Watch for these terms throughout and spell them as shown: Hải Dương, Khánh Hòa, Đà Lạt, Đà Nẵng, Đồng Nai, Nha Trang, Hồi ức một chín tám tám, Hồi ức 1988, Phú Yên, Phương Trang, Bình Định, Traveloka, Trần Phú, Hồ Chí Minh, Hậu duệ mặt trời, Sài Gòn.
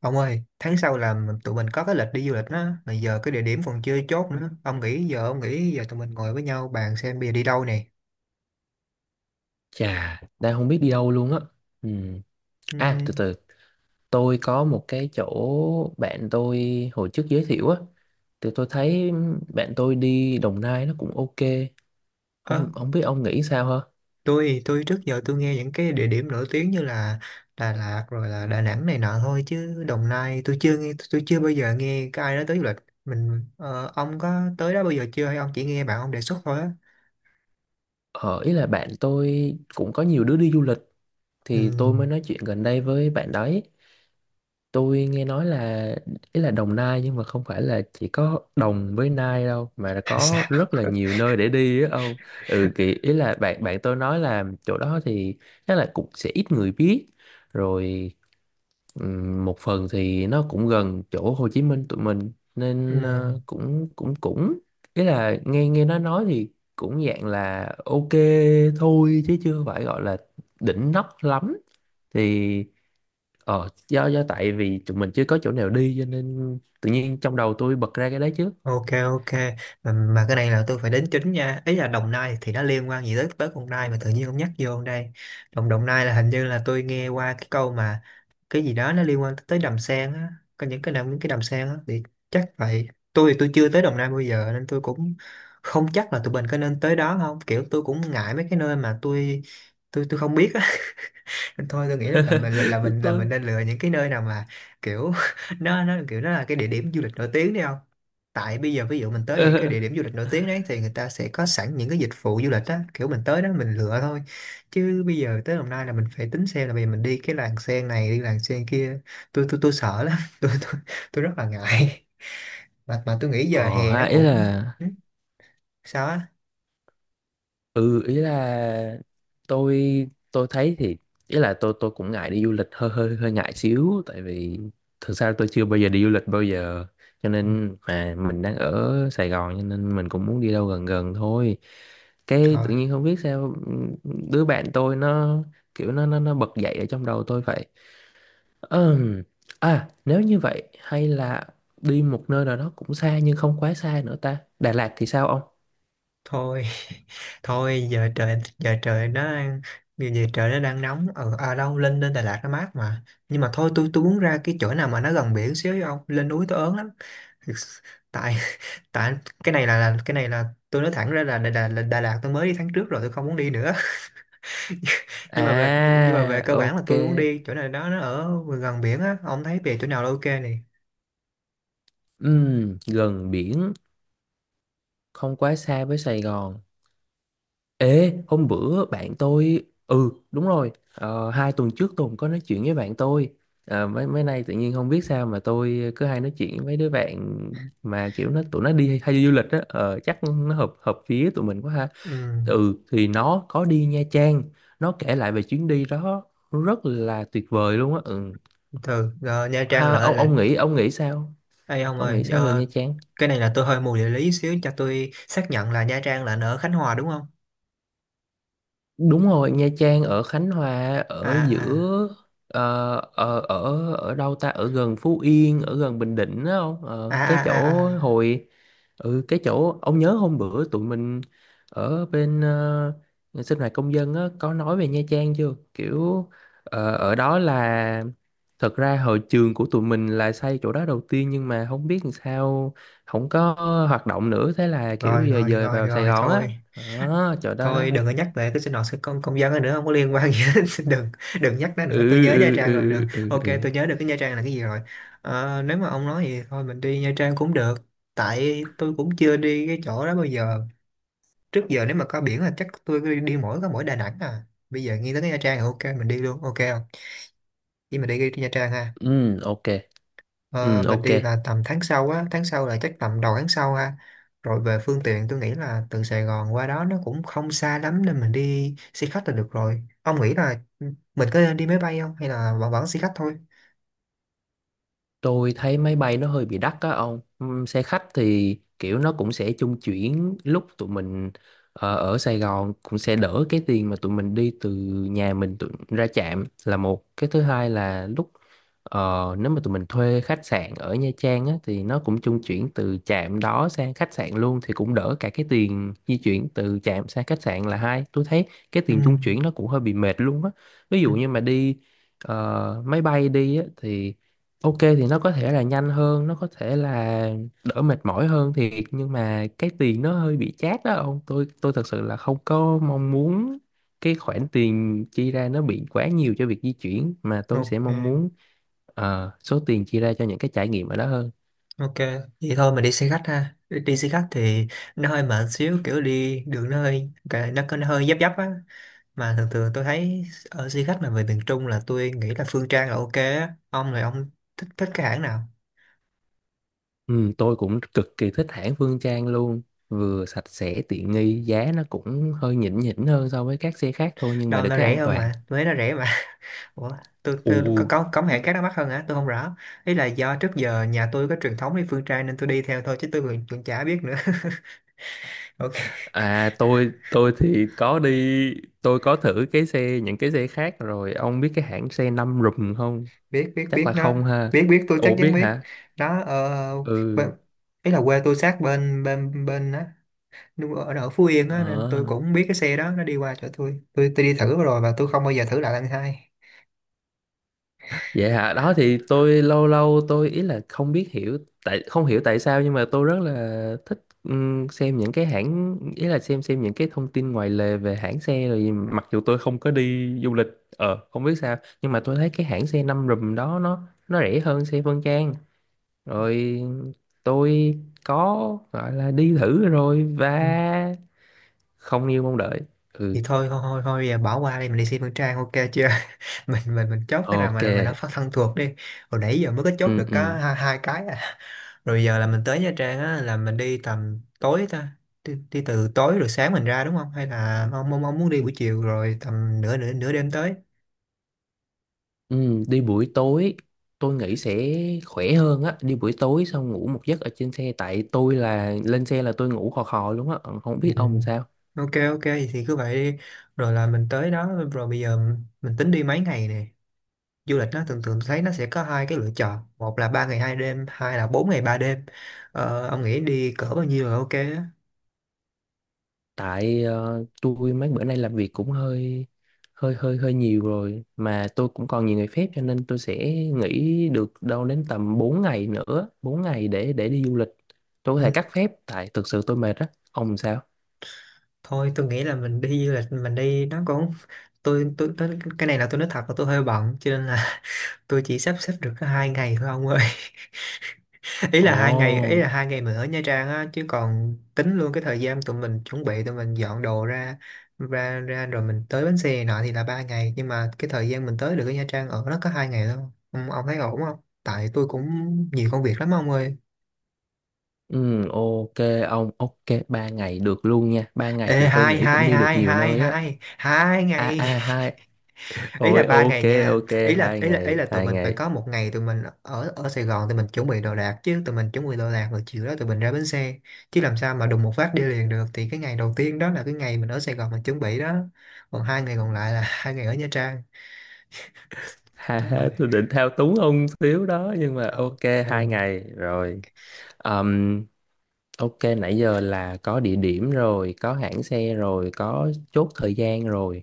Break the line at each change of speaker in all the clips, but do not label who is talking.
Ông ơi, tháng sau là tụi mình có cái lịch đi du lịch đó, mà giờ cái địa điểm còn chưa chốt nữa. Ông nghĩ giờ tụi mình ngồi với nhau bàn xem bây giờ đi đâu nè.
Chà, đang không biết đi đâu luôn á. Ừ. À, từ
Ừm,
từ, tôi có một cái chỗ bạn tôi hồi trước giới thiệu á. Thì tôi thấy bạn tôi đi Đồng Nai nó cũng ok.
ơ,
Không không biết ông nghĩ sao hả?
tôi trước giờ tôi nghe những cái địa điểm nổi tiếng như là Đà Lạt rồi là Đà Nẵng này nọ, thôi chứ Đồng Nai tôi chưa nghe, tôi chưa bao giờ nghe cái ai nói tới du lịch. Ông có tới đó bao giờ chưa, hay ông chỉ nghe bạn ông đề xuất thôi á?
Ờ, ý là bạn tôi cũng có nhiều đứa đi du lịch thì tôi
Ừm.
mới nói chuyện gần đây với bạn đấy. Tôi nghe nói là ý là Đồng Nai nhưng mà không phải là chỉ có Đồng với Nai đâu mà là
Là
có
sao?
rất là nhiều nơi để đi á ông. Ừ thì ý là bạn bạn tôi nói là chỗ đó thì chắc là cũng sẽ ít người biết. Rồi một phần thì nó cũng gần chỗ Hồ Chí Minh tụi mình nên cũng cũng cũng ý là nghe nghe nó nói thì cũng dạng là ok thôi chứ chưa phải gọi là đỉnh nóc lắm. Thì do tại vì tụi mình chưa có chỗ nào đi cho nên tự nhiên trong đầu tôi bật ra cái đấy chứ.
Ok, ok, mà cái này là tôi phải đính chính nha, ý là Đồng Nai thì nó liên quan gì tới tới đồng Nai mà tự nhiên ông nhắc vô đây. Đồng Đồng Nai là hình như là tôi nghe qua cái câu mà cái gì đó nó liên quan tới đầm sen á, có những cái đầm sen á thì chắc vậy. Tôi thì tôi chưa tới Đồng Nai bao giờ nên tôi cũng không chắc là tụi mình có nên tới đó không, kiểu tôi cũng ngại mấy cái nơi mà tôi tôi không biết á. Thôi tôi nghĩ là, là mình là mình là mình
Tôi...
nên lựa những cái nơi nào mà kiểu nó kiểu nó là cái địa điểm du lịch nổi tiếng đi không. Tại bây giờ ví dụ mình tới những cái
Ờ,
địa điểm du lịch nổi tiếng đấy thì người ta sẽ có sẵn những cái dịch vụ du lịch á, kiểu mình tới đó mình lựa thôi, chứ bây giờ tới Đồng Nai là mình phải tính xem là bây giờ mình đi cái làng sen này, đi làng sen kia. Tôi sợ lắm. Tôi rất là ngại. Mà tôi nghĩ giờ
ờ,
hè nó
ha, ý
cũng
là...
ừ, sao á.
Ừ, ý là tôi tôi thấy thì ý là tôi cũng ngại đi du lịch hơi hơi hơi ngại xíu tại vì thực ra tôi chưa bao giờ đi du lịch bao giờ, cho
Ừ,
nên mà mình đang ở Sài Gòn cho nên mình cũng muốn đi đâu gần gần thôi, cái
trời,
tự nhiên không biết sao đứa bạn tôi nó kiểu nó bật dậy ở trong đầu tôi vậy. Ừm, À, nếu như vậy hay là đi một nơi nào đó cũng xa nhưng không quá xa nữa ta. Đà Lạt thì sao ông?
thôi. Thôi giờ trời nó đang nóng ở, à đâu, lên lên Đà Lạt nó mát mà. Nhưng mà thôi tôi muốn ra cái chỗ nào mà nó gần biển xíu, với ông lên núi tôi ớn lắm. Tại, tại cái này là, cái này là tôi nói thẳng ra là Đà Lạt tôi mới đi tháng trước rồi, tôi không muốn đi nữa. Nhưng mà về
À,
cơ bản là
ok.
tôi muốn đi chỗ này đó, nó ở gần biển á. Ông thấy về chỗ nào là ok này?
Gần biển, không quá xa với Sài Gòn. Ê, hôm bữa bạn tôi... Ừ, đúng rồi. Ờ, 2 tuần trước tôi cũng có nói chuyện với bạn tôi. Ờ, mấy mấy nay tự nhiên không biết sao mà tôi cứ hay nói chuyện với mấy đứa bạn mà kiểu nó tụi nó đi hay đi du lịch á. Ờ, chắc nó hợp hợp phía tụi mình quá ha.
Ừ,
Ừ thì nó có đi Nha Trang. Nó kể lại về chuyến đi đó, rất là tuyệt vời luôn á, ừ.
từ rồi Nha Trang
Ha,
lại
ông
là.
ông nghĩ ông nghĩ sao?
Ê ông
Ông
ơi,
nghĩ sao về Nha Trang?
cái này là tôi hơi mù địa lý xíu, cho tôi xác nhận là Nha Trang là ở Khánh Hòa đúng không?
Đúng rồi, Nha Trang ở Khánh Hòa
à,
ở
à,
giữa. Ờ, ở ở ở đâu ta, ở gần Phú Yên, ở gần Bình Định đó không?
à,
Ờ, cái
à. À. À.
chỗ
À.
hồi... Ừ, cái chỗ ông nhớ hôm bữa tụi mình ở bên sinh hoạt công dân á có nói về Nha Trang chưa kiểu. Ờ, ở đó là thật ra hồi trường của tụi mình là xây chỗ đó đầu tiên nhưng mà không biết làm sao không có hoạt động nữa, thế là kiểu
Rồi,
giờ
rồi,
dời
rồi,
vào Sài
rồi,
Gòn á.
thôi.
Đó, chỗ đó đó.
Thôi đừng có nhắc về cái sinh hoạt của công công dân đó nữa, không có liên quan gì hết. Đừng, đừng nhắc nó nữa, tôi
Ừ
nhớ Nha
ừ
Trang rồi. Đừng.
ừ ừ
Ok,
ừ
tôi nhớ được cái Nha Trang là cái gì rồi. Ờ, nếu mà ông nói gì thôi mình đi Nha Trang cũng được, tại tôi cũng chưa đi cái chỗ đó bao giờ. Trước giờ nếu mà có biển là chắc tôi đi, đi mỗi có mỗi Đà Nẵng à. Bây giờ nghĩ tới cái Nha Trang thì ok, mình đi luôn. Ok không? Vậy mình đi, đi Nha Trang ha.
ừ. Ok. Ừ,
Ờ, mình
ok.
đi là tầm tháng sau á, tháng sau là chắc tầm đầu tháng sau ha. Rồi về phương tiện, tôi nghĩ là từ Sài Gòn qua đó nó cũng không xa lắm nên mình đi xe khách là được rồi. Ông nghĩ là mình có nên đi máy bay không, hay là vẫn vẫn xe khách thôi?
Tôi thấy máy bay nó hơi bị đắt á ông. Xe khách thì kiểu nó cũng sẽ chung chuyển lúc tụi mình ở Sài Gòn cũng sẽ đỡ cái tiền mà tụi mình đi từ nhà mình tụi, ra trạm là một. Cái thứ hai là lúc nếu mà tụi mình thuê khách sạn ở Nha Trang á, thì nó cũng chung chuyển từ trạm đó sang khách sạn luôn thì cũng đỡ cả cái tiền di chuyển từ trạm sang khách sạn là hai. Tôi thấy cái
Ừ.
tiền chung chuyển nó cũng hơi bị mệt luôn á. Ví
Ừ.
dụ như mà đi máy bay đi á, thì ok thì nó có thể là nhanh hơn, nó có thể là đỡ mệt mỏi hơn thiệt, nhưng mà cái tiền nó hơi bị chát đó ông. Tôi thật sự là không có mong muốn cái khoản tiền chi ra nó bị quá nhiều cho việc di chuyển, mà tôi
Ok,
sẽ mong muốn số tiền chi ra cho những cái trải nghiệm ở đó hơn.
ok. Vậy thôi mình đi xe khách ha. Đi đi xe khách thì nó hơi mệt xíu, kiểu đi đường nó hơi nó, có nó hơi dấp dấp á. Mà thường thường tôi thấy ở xe khách mà về miền Trung là tôi nghĩ là Phương Trang là ok á. Ông là ông thích thích cái hãng nào?
Ừ, tôi cũng cực kỳ thích hãng Phương Trang luôn, vừa sạch sẽ tiện nghi, giá nó cũng hơi nhỉnh nhỉnh hơn so với các xe khác thôi nhưng mà
Đâu
được
nó
cái
rẻ
an
hơn
toàn.
mà, Huế nó rẻ mà. Ủa, tôi,
Ồ.
tôi có hệ các nó mắc hơn hả, tôi không rõ. Ý là do trước giờ nhà tôi có truyền thống đi phương Tây nên tôi đi theo thôi, chứ tôi còn cũng chả biết nữa. Ok.
À, tôi thì có đi, tôi có thử cái xe những cái xe khác rồi, ông biết cái hãng xe năm rùm không?
Biết, biết,
Chắc
biết
là
nó.
không ha.
Biết, biết, tôi chắc
Ủa
chắn
biết
biết.
hả?
Nó
Ừ.
bên- ý là quê tôi sát bên, bên á, ở Phú Yên á, nên
Ờ.
tôi cũng biết cái xe đó. Nó đi qua chỗ tôi, tôi đi thử rồi và tôi không bao giờ thử lại lần hai.
Vậy hả? Đó thì tôi lâu lâu tôi ý là không biết hiểu, tại không hiểu tại sao nhưng mà tôi rất là thích xem những cái hãng, ý là xem những cái thông tin ngoài lề về hãng xe rồi gì. Mặc dù tôi không có đi du lịch, ờ, không biết sao nhưng mà tôi thấy cái hãng xe năm rùm đó nó rẻ hơn xe Phương Trang, rồi tôi có gọi là đi thử rồi và không như mong đợi. Ừ.
Thì thôi, thôi, thôi, thôi bỏ qua đi, mình đi xem Phương Trang, ok chưa? Mình chốt cái nào
Ok.
mà nó phát thân thuộc đi. Hồi nãy giờ mới có chốt
Ừ
được có
ừ
hai cái à. Rồi giờ là mình tới Nha Trang á, là mình đi tầm tối ta? Đi, đi từ tối rồi sáng mình ra, đúng không, hay là ông, ông muốn đi buổi chiều rồi tầm nửa nửa nửa đêm tới?
ừ. Đi buổi tối, tôi nghĩ sẽ khỏe hơn á, đi buổi tối xong ngủ một giấc ở trên xe, tại tôi là lên xe là tôi ngủ khò khò luôn á, không
Ừ.
biết ông làm sao.
Ok, ok, thì cứ vậy đi. Rồi là mình tới đó rồi bây giờ mình tính đi mấy ngày nè. Du lịch nó thường thường tôi thấy nó sẽ có hai cái lựa chọn, một là 3 ngày 2 đêm, hai là 4 ngày 3 đêm. Ờ, ông nghĩ đi cỡ bao nhiêu là ok á?
Tại tôi mấy bữa nay làm việc cũng hơi hơi hơi hơi nhiều rồi, mà tôi cũng còn nhiều ngày phép cho nên tôi sẽ nghỉ được đâu đến tầm 4 ngày nữa, 4 ngày để đi du lịch. Tôi có
Ừ.
thể cắt phép tại thực sự tôi mệt á. Ông sao?
Thôi tôi nghĩ là mình đi du lịch mình đi nó cũng, tôi cái này là tôi nói thật là tôi hơi bận, cho nên là tôi chỉ sắp xếp được có hai ngày thôi ông ơi. ý là hai ngày ý
Ồ,
là hai ngày mình ở Nha Trang á, chứ còn tính luôn cái thời gian tụi mình chuẩn bị, tụi mình dọn đồ ra, ra rồi mình tới bến xe này nọ thì là ba ngày, nhưng mà cái thời gian mình tới được ở Nha Trang ở nó có hai ngày thôi. Ông, thấy ổn không, tại tôi cũng nhiều công việc lắm ông ơi.
ừ, ok ông, ok, 3 ngày được luôn nha. 3 ngày
Ê
thì tôi
hai
nghĩ cũng
hai
đi được
hai
nhiều
hai
nơi á.
hai hai
À
ngày,
à, hai.
ý là
Ôi
ba
ok,
ngày nha,
ok,
ý là
hai
ý là ý
ngày,
là tụi
hai
mình phải
ngày.
có một ngày tụi mình ở ở Sài Gòn tụi mình chuẩn bị đồ đạc, chứ tụi mình chuẩn bị đồ đạc rồi chiều đó tụi mình ra bến xe. Chứ làm sao mà đùng một phát đi liền được. Thì cái ngày đầu tiên đó là cái ngày mình ở Sài Gòn mình chuẩn bị đó, còn hai ngày còn lại là hai ngày ở Nha Trang.
Ha
Trời
ha,
ơi!
tôi định thao túng ông xíu đó nhưng mà
Không.
ok, hai
Ừ.
ngày rồi. Ừm, ok, nãy giờ là có địa điểm rồi, có hãng xe rồi, có chốt thời gian rồi.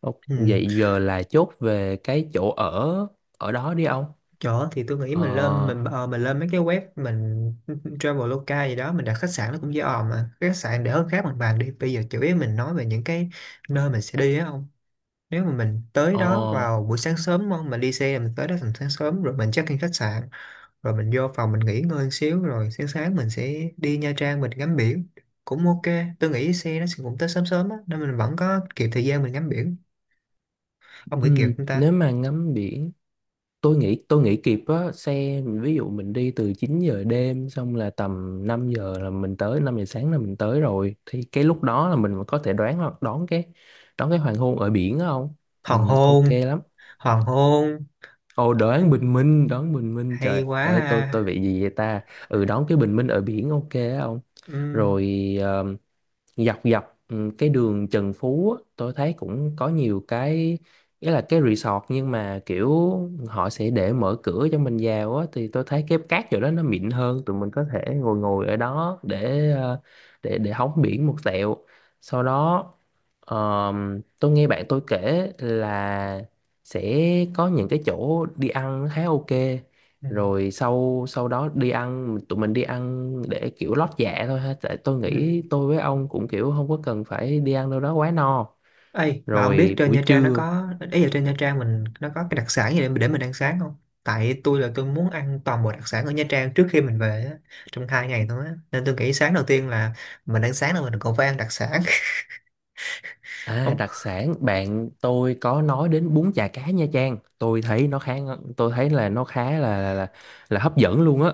Ok,
Ừ.
vậy giờ là chốt về cái chỗ ở ở đó đi ông.
Chỗ thì tôi nghĩ
Ờ,
mình lên, mình mình lên mấy cái web, mình Traveloka gì đó mình đặt khách sạn nó cũng dễ òm. Mà cái khách sạn để hơn khác bằng bàn đi, bây giờ chủ yếu mình nói về những cái nơi mình sẽ đi á. Nếu mà mình tới
ờ,
đó vào buổi sáng sớm đúng không, mình đi xe mình tới đó tầm sáng sớm rồi mình check in khách sạn, rồi mình vô phòng mình nghỉ ngơi một xíu, rồi sáng sáng mình sẽ đi Nha Trang mình ngắm biển cũng ok. Tôi nghĩ xe nó sẽ cũng tới sớm sớm á, nên mình vẫn có kịp thời gian mình ngắm biển. Ông nghĩ kịp không ta?
nếu mà ngắm biển, tôi nghĩ kịp á, xe ví dụ mình đi từ 9 giờ đêm xong là tầm 5 giờ là mình tới, 5 giờ sáng là mình tới rồi thì cái lúc đó là mình có thể đoán đón cái hoàng hôn ở biển đó không?
Hoàng
Ok
hôn.
lắm.
Hoàng hôn.
Ồ, đoán bình minh, đoán bình minh,
Hay
trời
quá
ơi tôi
ha.
bị gì vậy ta? Ừ, đoán cái bình minh ở biển ok á ông.
Ừ.
Rồi dọc dọc ừ, cái đường Trần Phú á, tôi thấy cũng có nhiều cái nghĩa là cái resort nhưng mà kiểu họ sẽ để mở cửa cho mình vào á, thì tôi thấy cái cát chỗ đó nó mịn hơn, tụi mình có thể ngồi ngồi ở đó để để hóng biển một tẹo. Sau đó tôi nghe bạn tôi kể là sẽ có những cái chỗ đi ăn khá ok,
Ừ.
rồi sau sau đó đi ăn tụi mình đi ăn để kiểu lót dạ thôi ha, tại tôi
Ừ.
nghĩ tôi với ông cũng kiểu không có cần phải đi ăn đâu đó quá no.
Ê, mà ông biết
Rồi
trên Nha
buổi
Trang nó
trưa.
có, ý là trên Nha Trang mình nó có cái đặc sản gì để mình ăn sáng không? Tại tôi là tôi muốn ăn toàn bộ đặc sản ở Nha Trang trước khi mình về á, trong hai ngày thôi á. Nên tôi nghĩ sáng đầu tiên là mình ăn sáng là mình còn phải ăn đặc sản.
À,
Ông,
đặc sản bạn tôi có nói đến bún chả cá Nha Trang, tôi thấy nó khá, tôi thấy là nó khá là, là hấp dẫn luôn á.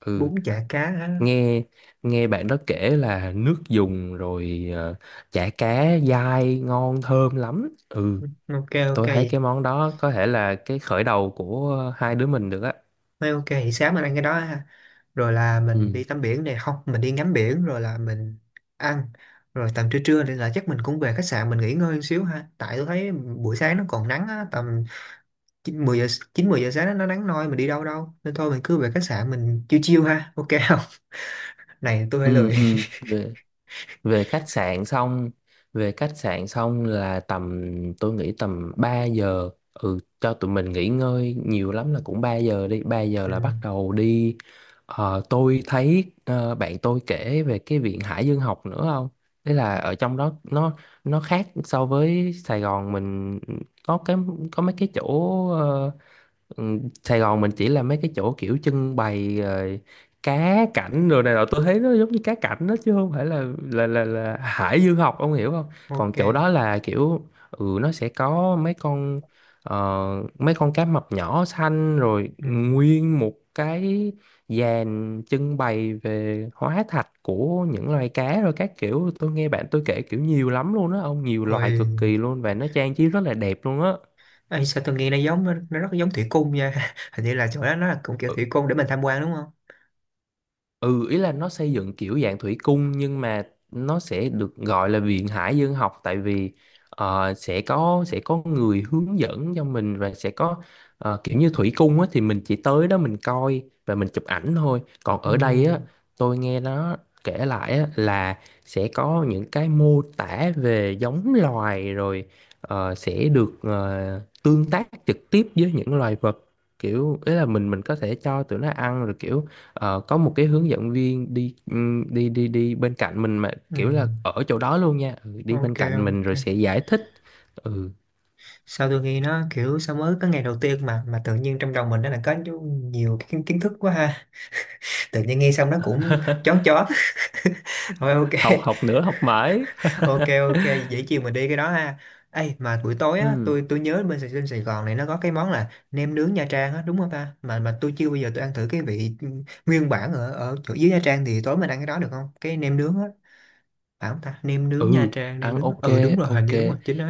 Ừ,
bún chả cá á.
nghe nghe bạn đó kể là nước dùng rồi ờ, chả cá dai ngon thơm lắm, ừ.
Ok, ok
Tôi thấy
vậy.
cái món đó có thể là cái khởi đầu của hai đứa mình được á.
Nói ok thì sáng mình ăn cái đó ha. Rồi là mình
Ừ
đi tắm biển này không, mình đi ngắm biển rồi là mình ăn. Rồi tầm trưa trưa nên là chắc mình cũng về khách sạn mình nghỉ ngơi một xíu ha. Tại tôi thấy buổi sáng nó còn nắng á, tầm chín mười giờ chín mười giờ sáng nó nắng nôi mình đi đâu đâu, nên thôi mình cứ về khách sạn mình chiêu chiêu ha, ok không? Này tôi hơi
ừ
lười.
ừ. Về, về khách sạn xong, về khách sạn xong là tầm, tôi nghĩ tầm 3 giờ, ừ, cho tụi mình nghỉ ngơi nhiều lắm là cũng 3 giờ đi, 3 giờ là
Ừ.
bắt đầu đi. Ờ, tôi thấy ờ, bạn tôi kể về cái viện Hải Dương học nữa không. Thế là ở trong đó nó khác so với Sài Gòn mình, có cái có mấy cái chỗ ờ, ừ, Sài Gòn mình chỉ là mấy cái chỗ kiểu trưng bày rồi cá cảnh rồi này nọ, tôi thấy nó giống như cá cảnh đó chứ không phải là là hải dương học, ông hiểu không? Còn
Ok.
chỗ đó là kiểu, ừ, nó sẽ có ờ, mấy con cá mập nhỏ xanh rồi
Ừ.
nguyên một cái dàn trưng bày về hóa thạch của những loài cá rồi các kiểu. Tôi nghe bạn tôi kể kiểu nhiều lắm luôn á ông, nhiều loài cực
Ôi.
kỳ luôn và nó trang trí rất là đẹp luôn á.
Ê, sao tôi nghe nó giống, nó rất giống thủy cung nha. Hình như là chỗ đó nó là cũng kiểu
Ừ.
thủy cung để mình tham quan đúng không?
Ừ, ý là nó xây dựng kiểu dạng thủy cung nhưng mà nó sẽ được gọi là viện hải dương học, tại vì ờ, sẽ có người hướng dẫn cho mình và sẽ có ờ, kiểu như thủy cung á, thì mình chỉ tới đó mình coi và mình chụp ảnh thôi. Còn
Ừ,
ở đây á, tôi nghe nó kể lại á, là sẽ có những cái mô tả về giống loài rồi sẽ được tương tác trực tiếp với những loài vật, kiểu ý là mình có thể cho tụi nó ăn rồi kiểu. Ờ, có một cái hướng dẫn viên đi đi bên cạnh mình mà
ừ.
kiểu là ở chỗ đó luôn nha, ừ, đi bên
Ok,
cạnh mình
ok,
rồi sẽ giải thích. Ừ.
sao tôi nghe nó kiểu sao mới có ngày đầu tiên mà tự nhiên trong đầu mình nó là có nhiều cái kiến kiến thức quá ha. Tự nhiên nghe xong nó cũng chón chón. Thôi
Học,
ok.
học nữa, học mãi.
Ok, ok vậy chiều mình đi cái đó ha. Ê, mà buổi tối á,
Ừ
tôi nhớ bên trên Sài Gòn này nó có cái món là nem nướng Nha Trang á đúng không ta, mà tôi chưa bao giờ tôi ăn thử cái vị nguyên bản ở ở chỗ dưới Nha Trang. Thì tối mình ăn cái đó được không, cái nem nướng á, phải không ta? Nem nướng Nha
ừ.
Trang, nem
Ăn
nướng,
ok,
ừ đúng rồi, hình
ok,
như đúng rồi chính đó.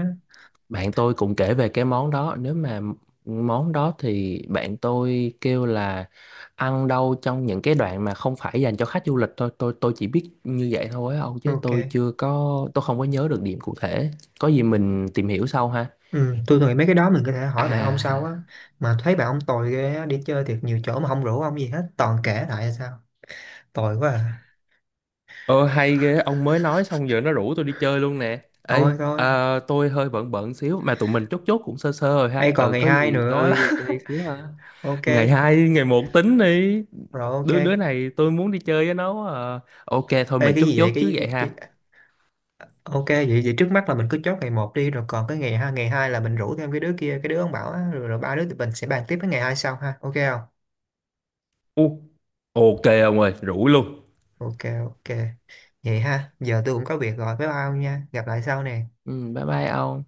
bạn tôi cũng kể về cái món đó, nếu mà món đó thì bạn tôi kêu là ăn đâu trong những cái đoạn mà không phải dành cho khách du lịch thôi, tôi chỉ biết như vậy thôi á ông, chứ
Ok.
tôi chưa có, tôi không có nhớ được điểm cụ thể, có gì mình tìm hiểu sau ha.
Ừ, tôi nghĩ mấy cái đó mình có thể hỏi bạn ông sau
À,
á. Mà thấy bạn ông tồi ghê á, đi chơi thiệt nhiều chỗ mà không rủ ông gì hết, toàn kể lại hay sao, tồi quá à.
ơ hay ghê, ông mới nói xong giờ nó rủ tôi đi chơi luôn nè. Ê,
Thôi, thôi,
à, tôi hơi bận bận xíu mà tụi mình chốt chốt cũng sơ sơ rồi
ấy
ha.
còn
Ừ,
ngày
có
hai
gì
nữa.
tôi chơi xíu ha.
Ok.
Ngày hai, ngày một tính đi.
Rồi. Ok.
Đứa đứa này tôi muốn đi chơi với nó quá à. Ok thôi
Ê
mình
cái
chốt
gì vậy,
chốt chứ vậy ha.
cái... Ok, vậy vậy trước mắt là mình cứ chốt ngày một đi, rồi còn cái ngày hai, ngày hai là mình rủ thêm cái đứa kia, cái đứa ông bảo á, rồi, rồi ba đứa tụi mình sẽ bàn tiếp cái ngày hai sau ha, ok không?
U, ok ông ơi, rủ luôn.
Ok. Ok, vậy ha giờ tôi cũng có việc rồi, bye bye ông nha, gặp lại sau nè.
Ừ, bye bye ông.